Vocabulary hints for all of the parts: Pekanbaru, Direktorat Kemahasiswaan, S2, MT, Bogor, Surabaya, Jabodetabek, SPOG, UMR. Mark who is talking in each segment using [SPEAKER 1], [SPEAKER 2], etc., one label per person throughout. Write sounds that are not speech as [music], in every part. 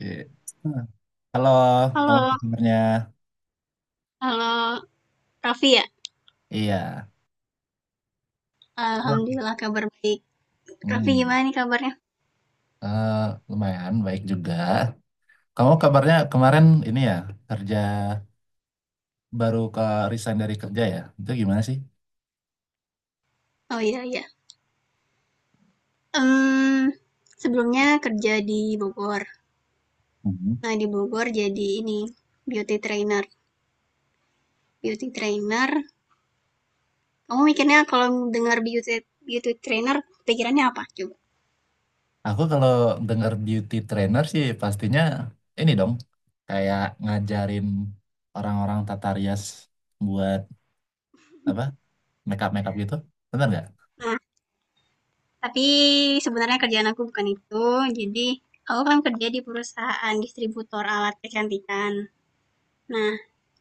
[SPEAKER 1] Iya. Hmm. Halo, kamu apa
[SPEAKER 2] Halo,
[SPEAKER 1] kabarnya?
[SPEAKER 2] halo Raffi ya?
[SPEAKER 1] Iya.
[SPEAKER 2] Alhamdulillah kabar baik. Raffi
[SPEAKER 1] Hmm,
[SPEAKER 2] gimana nih kabarnya?
[SPEAKER 1] eh, lumayan baik juga. Kamu kabarnya kemarin ini ya kerja baru ke resign dari kerja ya? Itu gimana sih?
[SPEAKER 2] Oh, iya, iya. Em, sebelumnya kerja di Bogor.
[SPEAKER 1] Mhm.
[SPEAKER 2] Nah di Bogor jadi ini beauty trainer. Beauty trainer. Kamu mikirnya kalau dengar beauty beauty trainer pikirannya apa coba?
[SPEAKER 1] Aku kalau dengar beauty trainer sih pastinya ini dong kayak ngajarin orang-orang tata rias buat apa makeup makeup gitu, bener nggak?
[SPEAKER 2] Nah tapi sebenarnya kerjaan aku bukan itu. Jadi aku kan kerja di perusahaan distributor alat kecantikan. Nah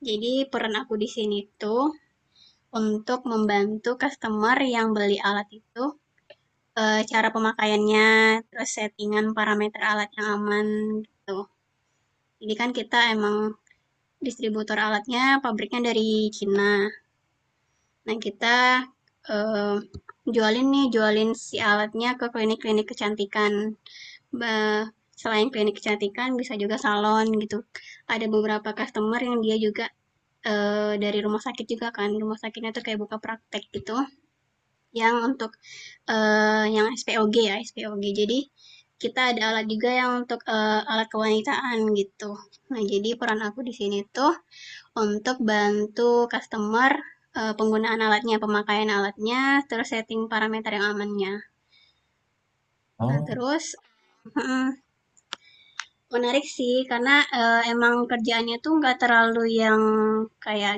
[SPEAKER 2] jadi peran aku di sini tuh untuk membantu customer yang beli alat itu, cara pemakaiannya, terus settingan parameter alat yang aman, gitu. Jadi kan kita emang distributor alatnya pabriknya dari Cina. Nah, kita, eee, jualin si alatnya ke klinik-klinik kecantikan. Be selain klinik kecantikan bisa juga salon, gitu. Ada beberapa customer yang dia juga, dari rumah sakit juga kan, rumah sakitnya tuh kayak buka praktek gitu. Yang untuk, yang SPOG ya, SPOG. Jadi kita ada alat juga yang untuk, alat kewanitaan gitu. Nah, jadi peran aku di sini tuh untuk bantu customer, penggunaan alatnya, pemakaian alatnya, terus setting parameter yang amannya. Nah,
[SPEAKER 1] Oh,
[SPEAKER 2] terus mhm, menarik sih karena, emang kerjaannya tuh nggak terlalu yang kayak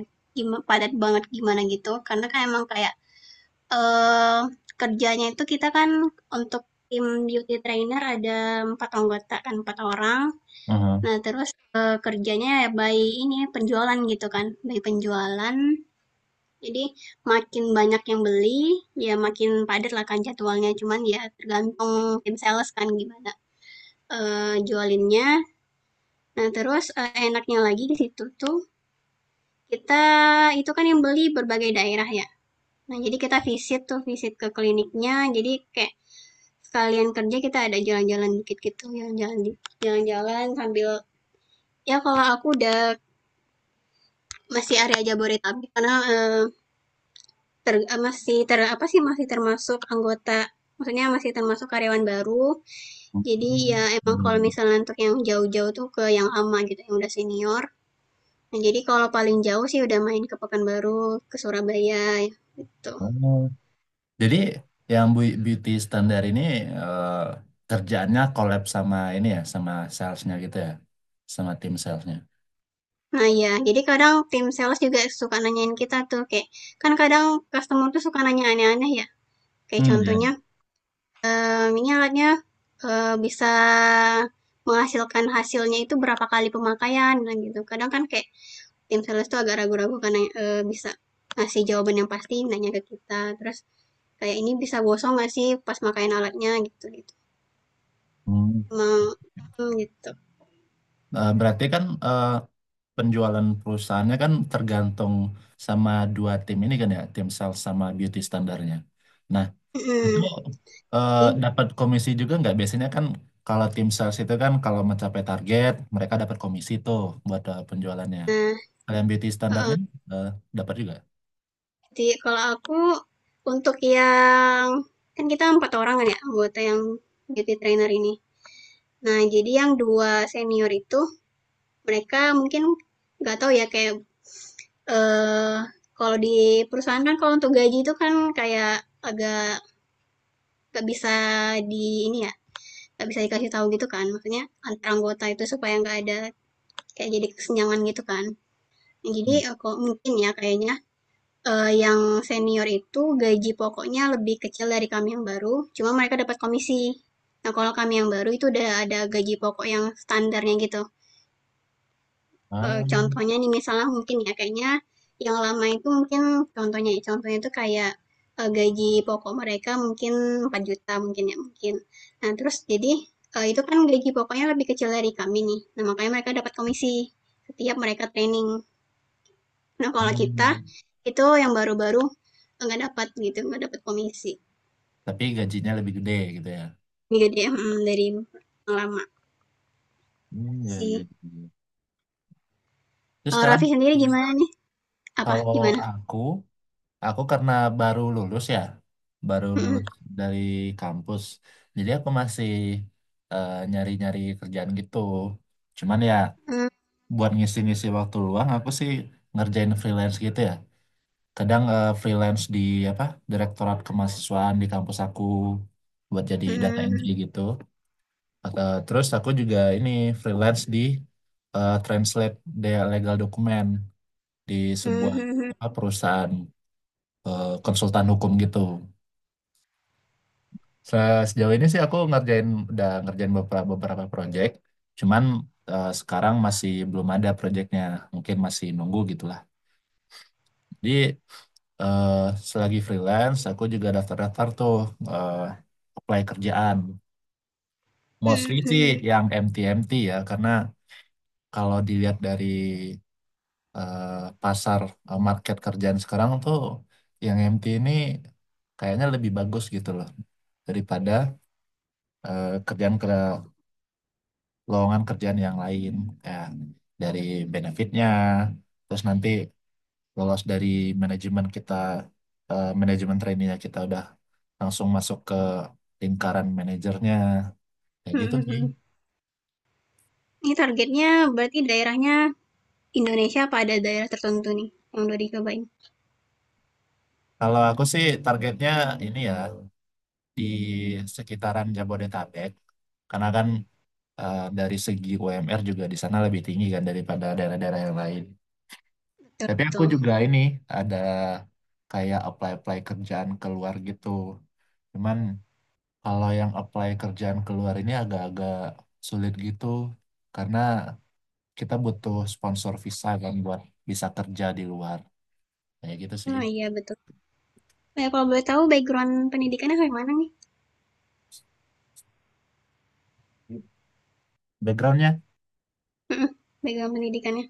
[SPEAKER 2] padat banget gimana gitu, karena kan emang kayak Eee, kerjanya itu kita kan untuk tim beauty trainer ada 4 anggota kan, 4 orang.
[SPEAKER 1] uh-huh.
[SPEAKER 2] Nah terus, kerjanya ya by ini, penjualan gitu kan, by penjualan. Jadi makin banyak yang beli, ya makin padat lah kan jadwalnya, cuman ya tergantung tim sales kan gimana, jualinnya. Nah terus, enaknya lagi di situ tuh kita itu kan yang beli berbagai daerah ya. Nah, jadi kita visit tuh, visit ke kliniknya. Jadi kayak sekalian kerja kita ada jalan-jalan dikit gitu, jalan-jalan sambil ya kalau aku udah masih area Jabodetabek karena masih ter apa sih masih termasuk anggota maksudnya masih termasuk karyawan baru. Jadi
[SPEAKER 1] Hmm.
[SPEAKER 2] ya emang
[SPEAKER 1] Iya,
[SPEAKER 2] kalau
[SPEAKER 1] iya.
[SPEAKER 2] misalnya untuk yang jauh-jauh tuh ke yang ama gitu, yang udah senior. Nah, jadi kalau paling jauh sih udah main ke Pekanbaru, ke Surabaya gitu.
[SPEAKER 1] Oh. Jadi yang beauty standar ini eh, kerjaannya collab sama ini ya, sama salesnya gitu ya, sama tim salesnya.
[SPEAKER 2] Nah iya, jadi kadang tim sales juga suka nanyain kita tuh kayak, kan kadang customer tuh suka nanya aneh-aneh ya. Kayak
[SPEAKER 1] Hmm, iya,
[SPEAKER 2] contohnya,
[SPEAKER 1] iya.
[SPEAKER 2] Ini alatnya, bisa menghasilkan hasilnya itu berapa kali pemakaian?" Nah gitu. Kadang kan kayak tim sales tuh agak ragu-ragu karena, bisa ngasih jawaban yang pasti nanya ke kita. Terus kayak, "Ini bisa gosong nggak sih pas makain alatnya?" Gitu gitu.
[SPEAKER 1] Hmm.
[SPEAKER 2] Emang mhm, gitu.
[SPEAKER 1] Berarti kan penjualan perusahaannya kan tergantung sama dua tim ini kan ya, tim sales sama beauty standarnya. Nah, itu
[SPEAKER 2] Mhm.
[SPEAKER 1] eh,
[SPEAKER 2] Ib
[SPEAKER 1] dapat komisi juga nggak? Biasanya kan kalau tim sales itu kan kalau mencapai target, mereka dapat komisi tuh buat penjualannya.
[SPEAKER 2] nah,
[SPEAKER 1] Kalian beauty standarnya eh, dapat juga?
[SPEAKER 2] jadi kalau aku untuk yang kan kita empat orang kan ya anggota yang beauty trainer ini. Nah, jadi yang dua senior itu mereka mungkin nggak tahu ya kayak eh kalau di perusahaan kan kalau untuk gaji itu kan kayak agak nggak bisa di ini ya nggak bisa dikasih tahu gitu kan maksudnya antar anggota itu supaya nggak ada kayak jadi kesenjangan gitu kan. Nah, jadi mungkin ya kayaknya yang senior itu gaji pokoknya lebih kecil dari kami yang baru, cuma mereka dapat komisi. Nah, kalau kami yang baru itu udah ada gaji pokok yang standarnya gitu. Eee,
[SPEAKER 1] Ah,
[SPEAKER 2] contohnya nih misalnya mungkin ya kayaknya yang lama itu mungkin contohnya ya, contohnya itu kayak, gaji pokok mereka mungkin empat juta mungkin ya, mungkin. Nah, terus jadi, itu kan gaji pokoknya lebih kecil dari kami nih, nah makanya mereka dapat komisi setiap mereka training. Nah, kalau kita,
[SPEAKER 1] ah,
[SPEAKER 2] itu yang baru-baru nggak dapat gitu, nggak dapat komisi.
[SPEAKER 1] tapi gajinya lebih gede gitu ya.
[SPEAKER 2] Jadi dari yang lama
[SPEAKER 1] Hmm, ya, ya,
[SPEAKER 2] sih.
[SPEAKER 1] ya. Terus
[SPEAKER 2] Kalau
[SPEAKER 1] sekarang
[SPEAKER 2] Raffi sendiri
[SPEAKER 1] sih,
[SPEAKER 2] gimana nih? Apa?
[SPEAKER 1] kalau
[SPEAKER 2] Gimana?
[SPEAKER 1] aku, aku karena baru lulus ya, baru
[SPEAKER 2] Mhm.
[SPEAKER 1] lulus dari kampus, jadi aku masih nyari-nyari kerjaan gitu. Cuman ya buat ngisi-ngisi waktu luang, aku sih ngerjain freelance gitu ya. Kadang freelance di apa Direktorat Kemahasiswaan di kampus aku buat jadi data
[SPEAKER 2] Mhm.
[SPEAKER 1] entry gitu. Terus aku juga ini freelance di translate legal dokumen di sebuah
[SPEAKER 2] Mhm.
[SPEAKER 1] apa perusahaan konsultan hukum gitu. Sejauh ini sih aku udah ngerjain beberapa beberapa project, cuman sekarang masih belum ada projectnya, mungkin masih nunggu gitulah. Jadi eh, selagi freelance aku juga daftar-daftar tuh eh, apply kerjaan. Mostly sih
[SPEAKER 2] Mhm.
[SPEAKER 1] yang MT-MT ya, karena kalau dilihat dari eh, pasar market kerjaan sekarang tuh yang MT ini kayaknya lebih bagus gitu loh daripada kerjaan ke lowongan kerjaan yang lain kayak dari benefitnya terus nanti lolos dari manajemen kita manajemen trainee kita udah langsung masuk ke lingkaran manajernya kayak gitu sih.
[SPEAKER 2] Mhm. Ini targetnya berarti daerahnya Indonesia apa ada daerah tertentu nih yang udah dicobain?
[SPEAKER 1] Kalau aku sih targetnya ini ya di sekitaran Jabodetabek karena kan dari segi UMR juga di sana lebih tinggi kan daripada daerah-daerah yang lain.
[SPEAKER 2] Betul,
[SPEAKER 1] Tapi aku
[SPEAKER 2] betul.
[SPEAKER 1] juga ini ada kayak apply-apply kerjaan keluar gitu. Cuman kalau yang apply kerjaan keluar ini agak-agak sulit gitu karena kita butuh sponsor visa kan buat bisa kerja di luar. Kayak gitu sih.
[SPEAKER 2] Oh iya, betul. Kalau boleh tahu background pendidikannya kayak mana nih?
[SPEAKER 1] Backgroundnya,
[SPEAKER 2] Mhm. Background pendidikannya.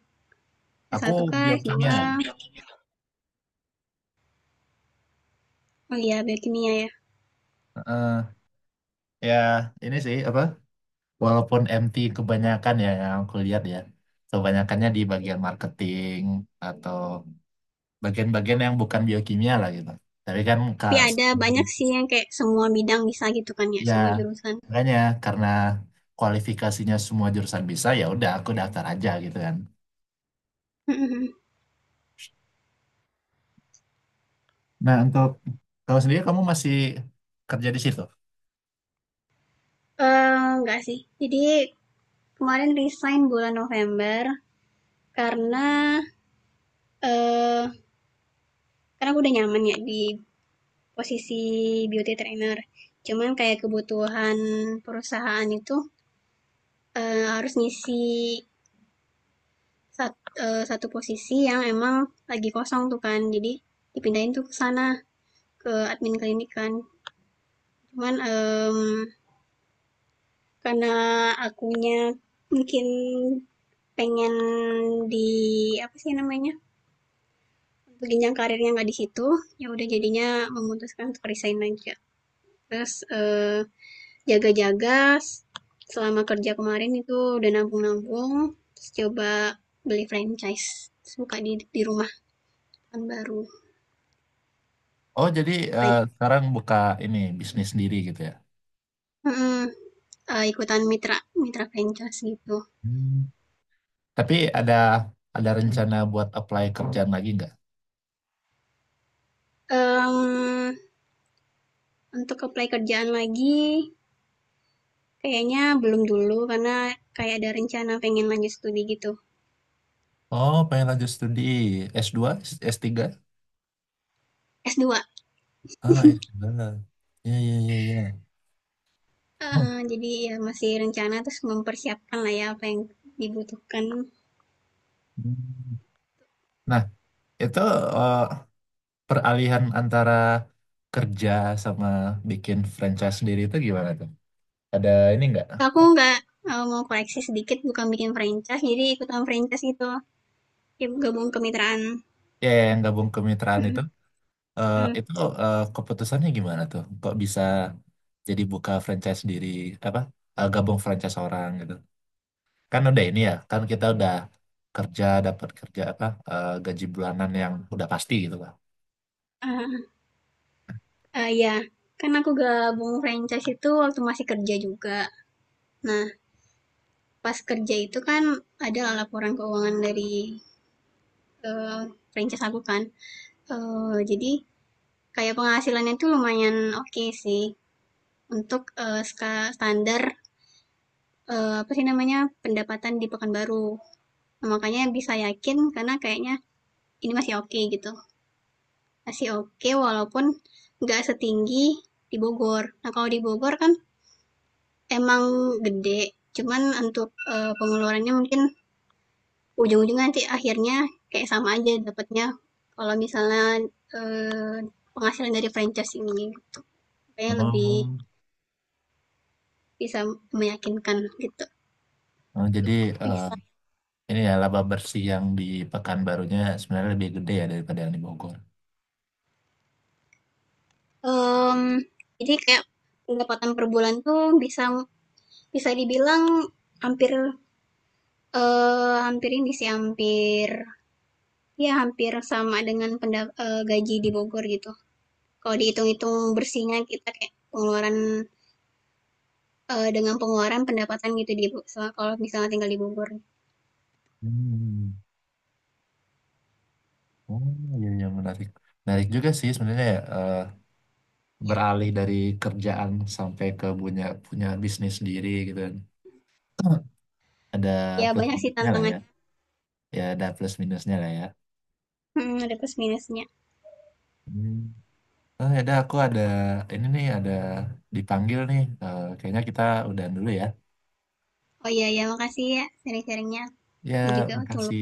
[SPEAKER 1] aku
[SPEAKER 2] S1 kah?
[SPEAKER 1] biokimia.
[SPEAKER 2] S2? Oh iya, biokimia ya.
[SPEAKER 1] Eh, ya ini sih apa? Walaupun MT kebanyakan ya yang aku lihat ya, kebanyakannya di bagian marketing atau bagian-bagian yang bukan biokimia lah gitu. Tapi kan kak,
[SPEAKER 2] Tapi ada banyak sih yang kayak semua bidang bisa gitu kan ya,
[SPEAKER 1] ya
[SPEAKER 2] semua jurusan. [laughs]
[SPEAKER 1] makanya karena kualifikasinya semua jurusan bisa, ya udah aku daftar aja gitu kan.
[SPEAKER 2] Mhm.
[SPEAKER 1] Nah, untuk kamu sendiri kamu masih kerja di situ?
[SPEAKER 2] Enggak sih. Jadi kemarin resign bulan November karena eh karena aku udah nyaman ya di posisi beauty trainer. Cuman kayak kebutuhan perusahaan itu harus ngisi satu posisi yang emang lagi kosong tuh kan. Jadi dipindahin tuh ke sana ke admin klinik kan. Cuman karena akunya mungkin pengen di, apa sih namanya, jenjang karirnya nggak di situ, ya udah jadinya memutuskan untuk resign aja. Terus eh, jaga-jaga selama kerja kemarin itu udah nabung-nabung, terus coba beli franchise. Terus buka di rumah tahun baru.
[SPEAKER 1] Oh, jadi
[SPEAKER 2] Franchise.
[SPEAKER 1] sekarang buka ini bisnis sendiri gitu ya?
[SPEAKER 2] Mm-mm. Ikutan mitra franchise gitu.
[SPEAKER 1] Hmm. Tapi ada rencana buat apply kerjaan lagi nggak?
[SPEAKER 2] um untuk apply kerjaan lagi, kayaknya belum dulu, karena kayak ada rencana pengen lanjut studi gitu.
[SPEAKER 1] Oh, pengen lanjut studi S2, S3?
[SPEAKER 2] S2.
[SPEAKER 1] Ah, S2. Ya, ya, ya, ya.
[SPEAKER 2] Jadi ya masih rencana, terus mempersiapkan lah ya apa yang dibutuhkan.
[SPEAKER 1] Hmm. Nah, itu eh, peralihan antara kerja sama bikin franchise sendiri itu gimana tuh? Ada ini enggak?
[SPEAKER 2] Aku nggak, mau koleksi sedikit, bukan bikin franchise, jadi ikutan franchise gitu. Ya gabung kemitraan.
[SPEAKER 1] Ya, ya, yang gabung kemitraan itu,
[SPEAKER 2] Mhm,
[SPEAKER 1] eh,
[SPEAKER 2] mmm,
[SPEAKER 1] itu keputusannya gimana tuh? Kok bisa jadi buka franchise sendiri, apa? Gabung franchise orang gitu? Kan udah ini ya kan kita udah kerja dapat kerja apa gaji bulanan yang udah pasti gitu kan.
[SPEAKER 2] heeh, iya. Kan aku gabung franchise itu waktu masih kerja juga. Nah, pas kerja itu kan ada laporan keuangan dari, eee, franchise aku kan. Jadi kayak penghasilannya itu lumayan oke okay sih untuk standar apa sih namanya pendapatan di Pekanbaru. Nah, makanya bisa yakin karena kayaknya ini masih oke okay gitu. Masih oke okay, walaupun nggak setinggi di Bogor. Nah, kalau di Bogor kan emang gede, cuman untuk pengeluarannya mungkin ujung-ujungnya nanti akhirnya kayak sama aja dapatnya kalau misalnya eh, penghasilan dari franchise ini gitu. Kayak lebih
[SPEAKER 1] Oh.
[SPEAKER 2] bisa meyakinkan gitu.
[SPEAKER 1] Nah, jadi eh,
[SPEAKER 2] Bisa,
[SPEAKER 1] ini ya laba bersih yang di Pekanbarunya sebenarnya lebih gede ya daripada yang di Bogor.
[SPEAKER 2] mmm, jadi kayak pendapatan per bulan tuh bisa bisa dibilang hampir, hampir ini sih, hampir ya hampir sama dengan gaji di Bogor gitu. Kalau dihitung-hitung bersihnya kita kayak pengeluaran, dengan pengeluaran pendapatan gitu di so kalau misalnya tinggal di Bogor.
[SPEAKER 1] Hmm. Oh, iya, iya, menarik, menarik juga sih sebenarnya ya,
[SPEAKER 2] Ya,
[SPEAKER 1] beralih dari kerjaan sampai ke punya punya bisnis sendiri gitu kan. [clears throat] Ada
[SPEAKER 2] ya,
[SPEAKER 1] plus
[SPEAKER 2] banyak sih
[SPEAKER 1] minusnya lah ya,
[SPEAKER 2] tantangannya,
[SPEAKER 1] ya ada plus minusnya lah ya.
[SPEAKER 2] mhm, ada plus minusnya.
[SPEAKER 1] Hmm. Oh, ya udah, aku ada ini nih, ada dipanggil nih. Kayaknya kita udahan dulu ya.
[SPEAKER 2] Oh iya ya makasih ya sharing sharingnya Ini
[SPEAKER 1] Ya,
[SPEAKER 2] juga waktu
[SPEAKER 1] makasih.